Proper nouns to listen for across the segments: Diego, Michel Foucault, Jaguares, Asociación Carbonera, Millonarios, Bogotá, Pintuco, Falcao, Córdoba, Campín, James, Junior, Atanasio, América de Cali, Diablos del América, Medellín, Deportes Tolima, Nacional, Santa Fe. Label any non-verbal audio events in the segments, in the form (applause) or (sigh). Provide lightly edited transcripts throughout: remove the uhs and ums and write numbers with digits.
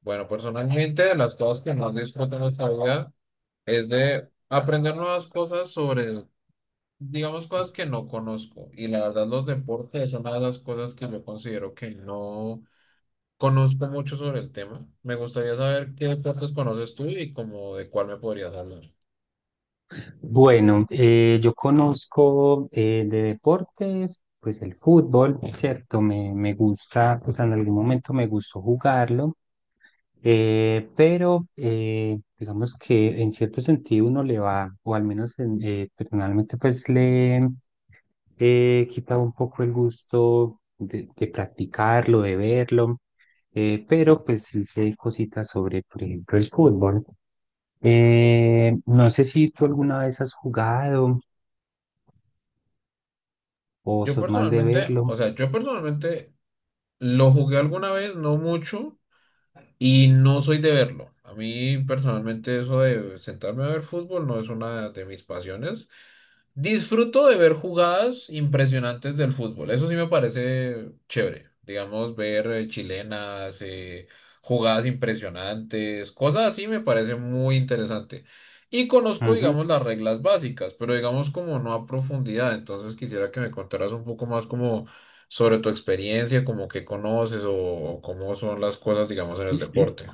Bueno, personalmente, de las cosas que más disfruto en nuestra vida es de aprender nuevas cosas sobre, digamos, cosas que no conozco. Y la verdad, los deportes son una de las cosas que yo considero que no conozco mucho sobre el tema. Me gustaría saber qué deportes conoces tú y como de cuál me podrías hablar. Bueno, yo conozco de deportes, pues el fútbol, ¿cierto? Me gusta, pues en algún momento me gustó jugarlo, pero digamos que en cierto sentido uno le va, o al menos personalmente, pues le he quitado un poco el gusto de practicarlo, de verlo. Pero pues sí sé cositas sobre, por ejemplo, el fútbol. No sé si tú alguna vez has jugado o Yo sos más de personalmente, verlo. o sea, yo personalmente lo jugué alguna vez, no mucho, y no soy de verlo. A mí personalmente eso de sentarme a ver fútbol no es una de mis pasiones. Disfruto de ver jugadas impresionantes del fútbol. Eso sí me parece chévere. Digamos, ver chilenas, jugadas impresionantes, cosas así me parece muy interesante. Y conozco, digamos, las reglas básicas, pero digamos como no a profundidad. Entonces quisiera que me contaras un poco más como sobre tu experiencia, como qué conoces o cómo son las cosas, digamos, en el Ujú. deporte.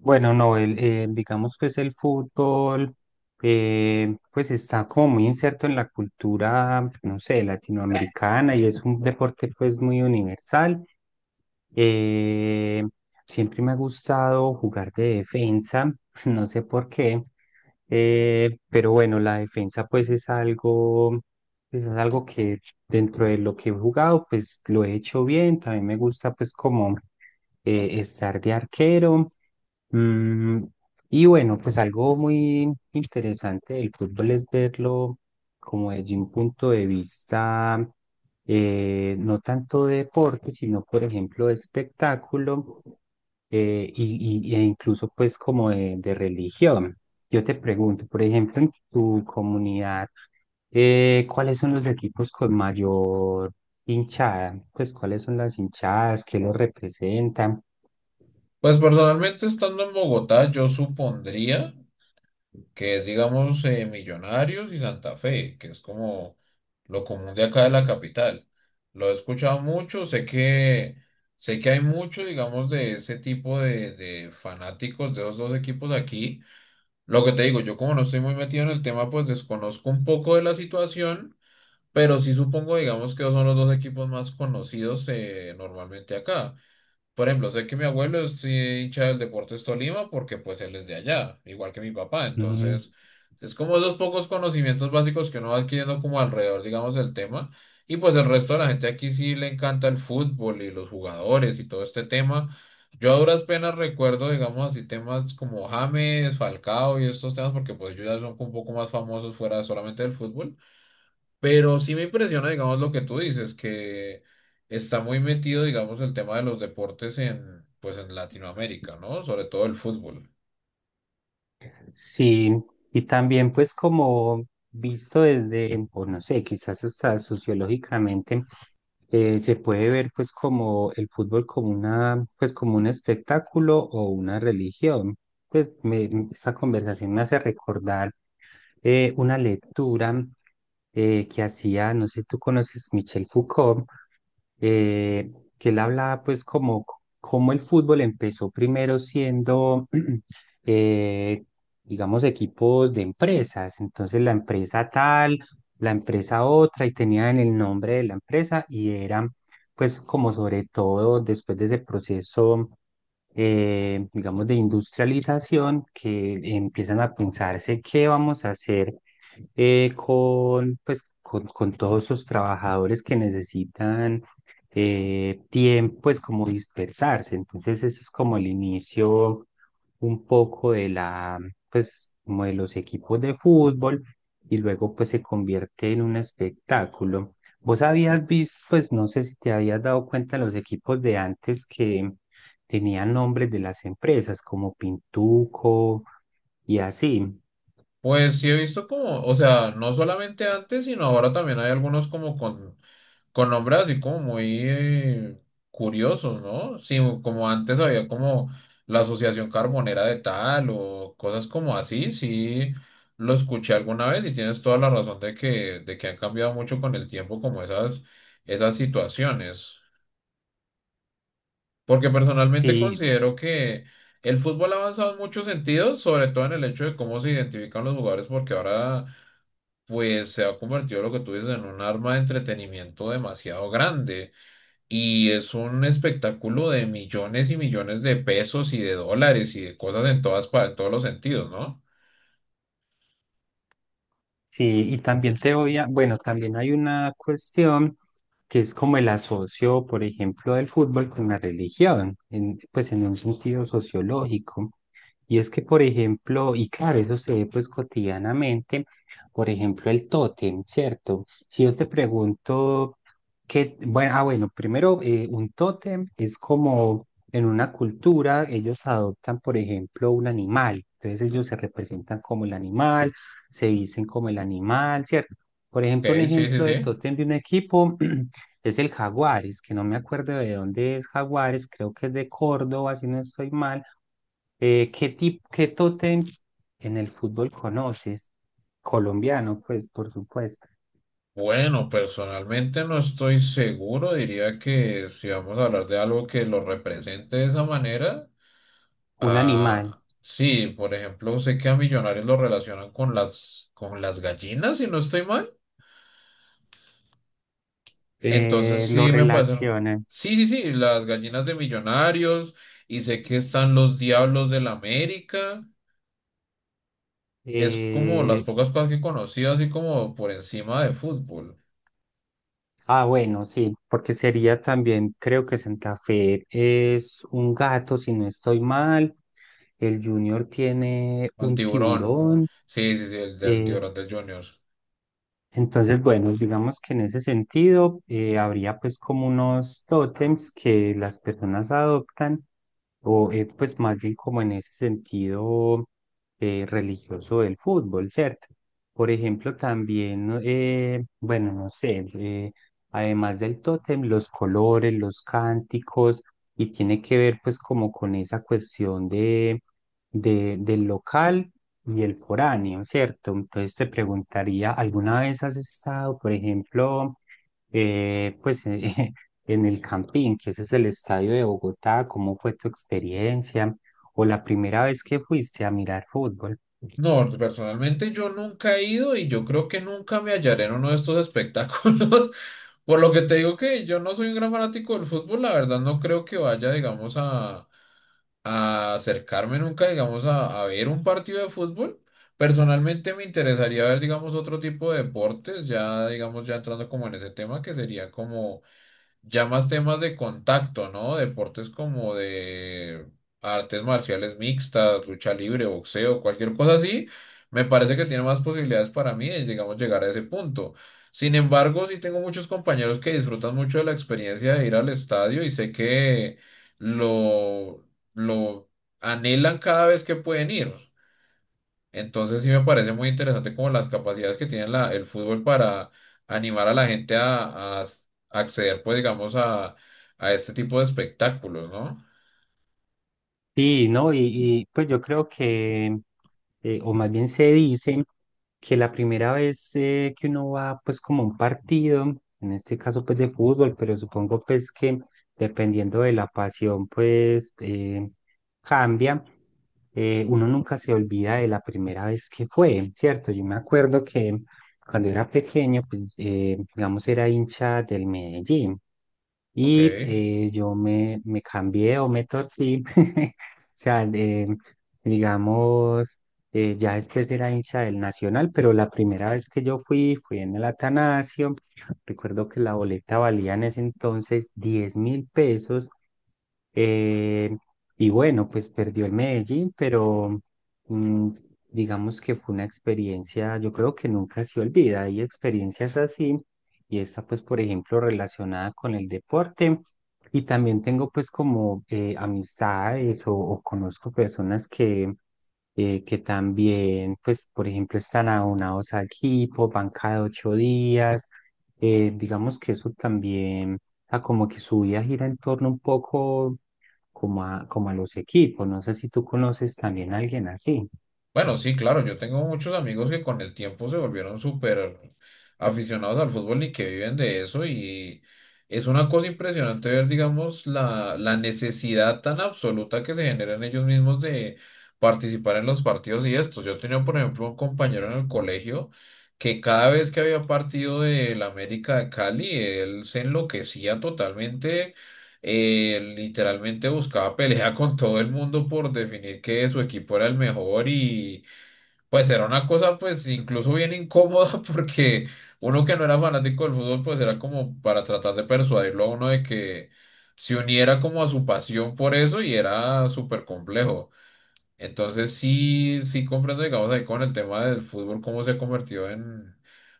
Bueno, no, digamos pues el fútbol, pues está como muy inserto en la cultura, no sé, latinoamericana, y es un deporte pues muy universal. Eh, Siempre me ha gustado jugar de defensa, (laughs) no sé por qué, pero bueno, la defensa pues es algo que dentro de lo que he jugado pues lo he hecho bien. También me gusta pues como estar de arquero. Mm, y bueno, pues algo muy interesante del fútbol es verlo como desde un punto de vista, no tanto de deporte, sino por ejemplo de espectáculo, e incluso pues como de religión. Yo te pregunto, por ejemplo, en tu comunidad, ¿cuáles son los equipos con mayor hinchada? Pues, ¿cuáles son las hinchadas que los representan? Pues personalmente estando en Bogotá, yo supondría que es, digamos, Millonarios y Santa Fe, que es como lo común de acá de la capital. Lo he escuchado mucho, sé que hay mucho, digamos, de ese tipo de fanáticos de los dos equipos aquí. Lo que te digo, yo como no estoy muy metido en el tema, pues desconozco un poco de la situación, pero sí supongo, digamos, que son los dos equipos más conocidos normalmente acá. Por ejemplo, sé que mi abuelo es hincha del Deportes Tolima porque pues él es de allá, igual que mi papá. Entonces, es como esos pocos conocimientos básicos que uno va adquiriendo como alrededor, digamos, del tema. Y pues el resto de la gente aquí sí le encanta el fútbol y los jugadores y todo este tema. Yo a duras penas recuerdo, digamos así, temas como James, Falcao y estos temas porque pues ellos ya son un poco más famosos fuera solamente del fútbol. Pero sí me impresiona, digamos, lo que tú dices, que está muy metido, digamos, el tema de los deportes en, pues, en Latinoamérica, ¿no? Sobre todo el fútbol. Sí, y también pues como visto desde, o no sé, quizás hasta sociológicamente, se puede ver pues como el fútbol como una, pues como un espectáculo o una religión. Esta conversación me hace recordar una lectura que hacía, no sé si tú conoces Michel Foucault, eh, que él hablaba pues como, como el fútbol empezó primero siendo (clears throat) eh, digamos, equipos de empresas. Entonces la empresa tal, la empresa otra, y tenían el nombre de la empresa y eran, pues, como sobre todo después de ese proceso, digamos, de industrialización, que empiezan a pensarse qué vamos a hacer con, pues, con todos esos trabajadores que necesitan, tiempo, pues como dispersarse. Entonces ese es como el inicio un poco de la, pues como de los equipos de fútbol, y luego pues se convierte en un espectáculo. Vos habías visto, pues no sé si te habías dado cuenta los equipos de antes que tenían nombres de las empresas, como Pintuco y así. Pues sí he visto como, o sea, no solamente antes, sino ahora también hay algunos como con nombres así como muy curiosos, ¿no? Sí, como antes había como la Asociación Carbonera de tal o cosas como así, sí lo escuché alguna vez y tienes toda la razón de de que han cambiado mucho con el tiempo como esas situaciones. Porque personalmente Sí, considero que el fútbol ha avanzado en muchos sentidos, sobre todo en el hecho de cómo se identifican los jugadores, porque ahora pues se ha convertido lo que tú dices en un arma de entretenimiento demasiado grande y es un espectáculo de millones y millones de pesos y de dólares y de cosas en todas en todos los sentidos, ¿no? sí, y también te voy a, bueno, también hay una cuestión que es como el asocio, por ejemplo, del fútbol con la religión, pues en un sentido sociológico. Y es que, por ejemplo, y claro, eso se ve pues cotidianamente, por ejemplo, el tótem, ¿cierto? Si yo te pregunto qué, bueno, ah, bueno, primero, un tótem es como en una cultura, ellos adoptan, por ejemplo, un animal, entonces ellos se representan como el animal, se dicen como el animal, ¿cierto? Por Ok, ejemplo, un sí, sí, ejemplo de sí. tótem de un equipo (clears throat) es el Jaguares, que no me acuerdo de dónde es Jaguares, creo que es de Córdoba, si no estoy mal. ¿Qué tipo, qué tótem en el fútbol conoces? Colombiano, pues, por supuesto. Bueno, personalmente no estoy seguro, diría que si vamos a hablar de algo que lo represente de esa manera, Un animal. ah, sí, por ejemplo, sé que a Millonarios lo relacionan con las gallinas, si no estoy mal. Entonces Lo sí me parece. relacionan. Sí, sí, sí, las gallinas de Millonarios y sé que están los Diablos del América. Es como las eh, pocas cosas que conocí así como por encima de fútbol. Ah, bueno, sí, porque sería también, creo que Santa Fe es un gato, si no estoy mal. El Junior tiene Al un tiburón. tiburón. Sí, sí, sí, el del Eh, tiburón del Junior. entonces, bueno, digamos que en ese sentido, habría pues como unos tótems que las personas adoptan, o pues más bien como en ese sentido religioso del fútbol, ¿cierto? Por ejemplo, también, ¿no? Bueno, no sé, además del tótem, los colores, los cánticos, y tiene que ver pues como con esa cuestión de del local y el foráneo, ¿cierto? Entonces te preguntaría, ¿alguna vez has estado, por ejemplo, eh, pues eh, (laughs) en el Campín, que ese es el estadio de Bogotá? ¿Cómo fue tu experiencia? ¿O la primera vez que fuiste a mirar fútbol? No, personalmente yo nunca he ido y yo creo que nunca me hallaré en uno de estos espectáculos. (laughs) Por lo que te digo que yo no soy un gran fanático del fútbol, la verdad no creo que vaya, digamos, a acercarme nunca, digamos, a ver un partido de fútbol. Personalmente me interesaría ver, digamos, otro tipo de deportes, ya, digamos, ya entrando como en ese tema, que sería como ya más temas de contacto, ¿no? Deportes como de artes marciales mixtas, lucha libre, boxeo, cualquier cosa así, me parece que tiene más posibilidades para mí de, digamos, llegar a ese punto. Sin embargo, sí tengo muchos compañeros que disfrutan mucho de la experiencia de ir al estadio y sé que lo, lo anhelan cada vez que pueden ir. Entonces sí me parece muy interesante como las capacidades que tiene el fútbol para animar a la gente a acceder, pues digamos, a este tipo de espectáculos, ¿no? Sí, ¿no? Y pues yo creo que, o más bien se dice, que la primera vez que uno va pues como a un partido, en este caso pues de fútbol, pero supongo pues que dependiendo de la pasión pues cambia, uno nunca se olvida de la primera vez que fue, ¿cierto? Yo me acuerdo que cuando era pequeño pues, digamos, era hincha del Medellín. Ok. Y yo me cambié o me torcí. (laughs) O sea, digamos, ya después era hincha del Nacional, pero la primera vez que yo fui, fui en el Atanasio. Recuerdo que la boleta valía en ese entonces 10.000 pesos, eh, y bueno, pues perdió el Medellín, pero, mm, digamos que fue una experiencia, yo creo que nunca se olvida. Hay experiencias así, y esta pues, por ejemplo, relacionada con el deporte. Y también tengo pues como amistades o conozco personas que también pues, por ejemplo, están aunados al equipo, van cada 8 días. Digamos que eso también sea, como que su vida gira en torno un poco como a, como a los equipos. No sé si tú conoces también a alguien así. Bueno, sí, claro, yo tengo muchos amigos que con el tiempo se volvieron súper aficionados al fútbol y que viven de eso y es una cosa impresionante ver, digamos, la necesidad tan absoluta que se genera en ellos mismos de participar en los partidos y estos. Yo tenía, por ejemplo, un compañero en el colegio que cada vez que había partido del América de Cali, él se enloquecía totalmente, literalmente buscaba (laughs) pelea con todo el mundo por definir que su equipo era el mejor y pues era una cosa pues incluso bien incómoda (laughs) porque uno que no era fanático del fútbol pues era como para tratar de persuadirlo a uno de que se uniera como a su pasión por eso y era súper complejo. Entonces sí, sí comprendo digamos ahí con el tema del fútbol cómo se ha convertido en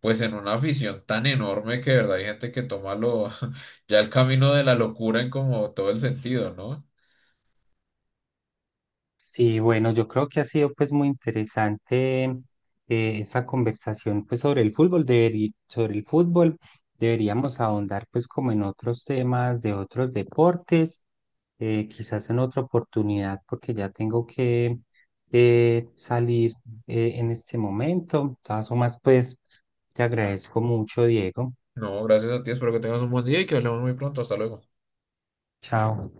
pues en una afición tan enorme que de verdad hay gente que toma lo, (laughs) ya el camino de la locura en como todo el sentido, ¿no? Sí, bueno, yo creo que ha sido pues muy interesante esa conversación pues sobre el fútbol, sobre el fútbol deberíamos ahondar pues como en otros temas de otros deportes, quizás en otra oportunidad porque ya tengo que salir en este momento. De todas formas, pues te agradezco mucho, Diego. No, gracias a ti, espero que tengas un buen día y que hablemos muy pronto. Hasta luego. Chao.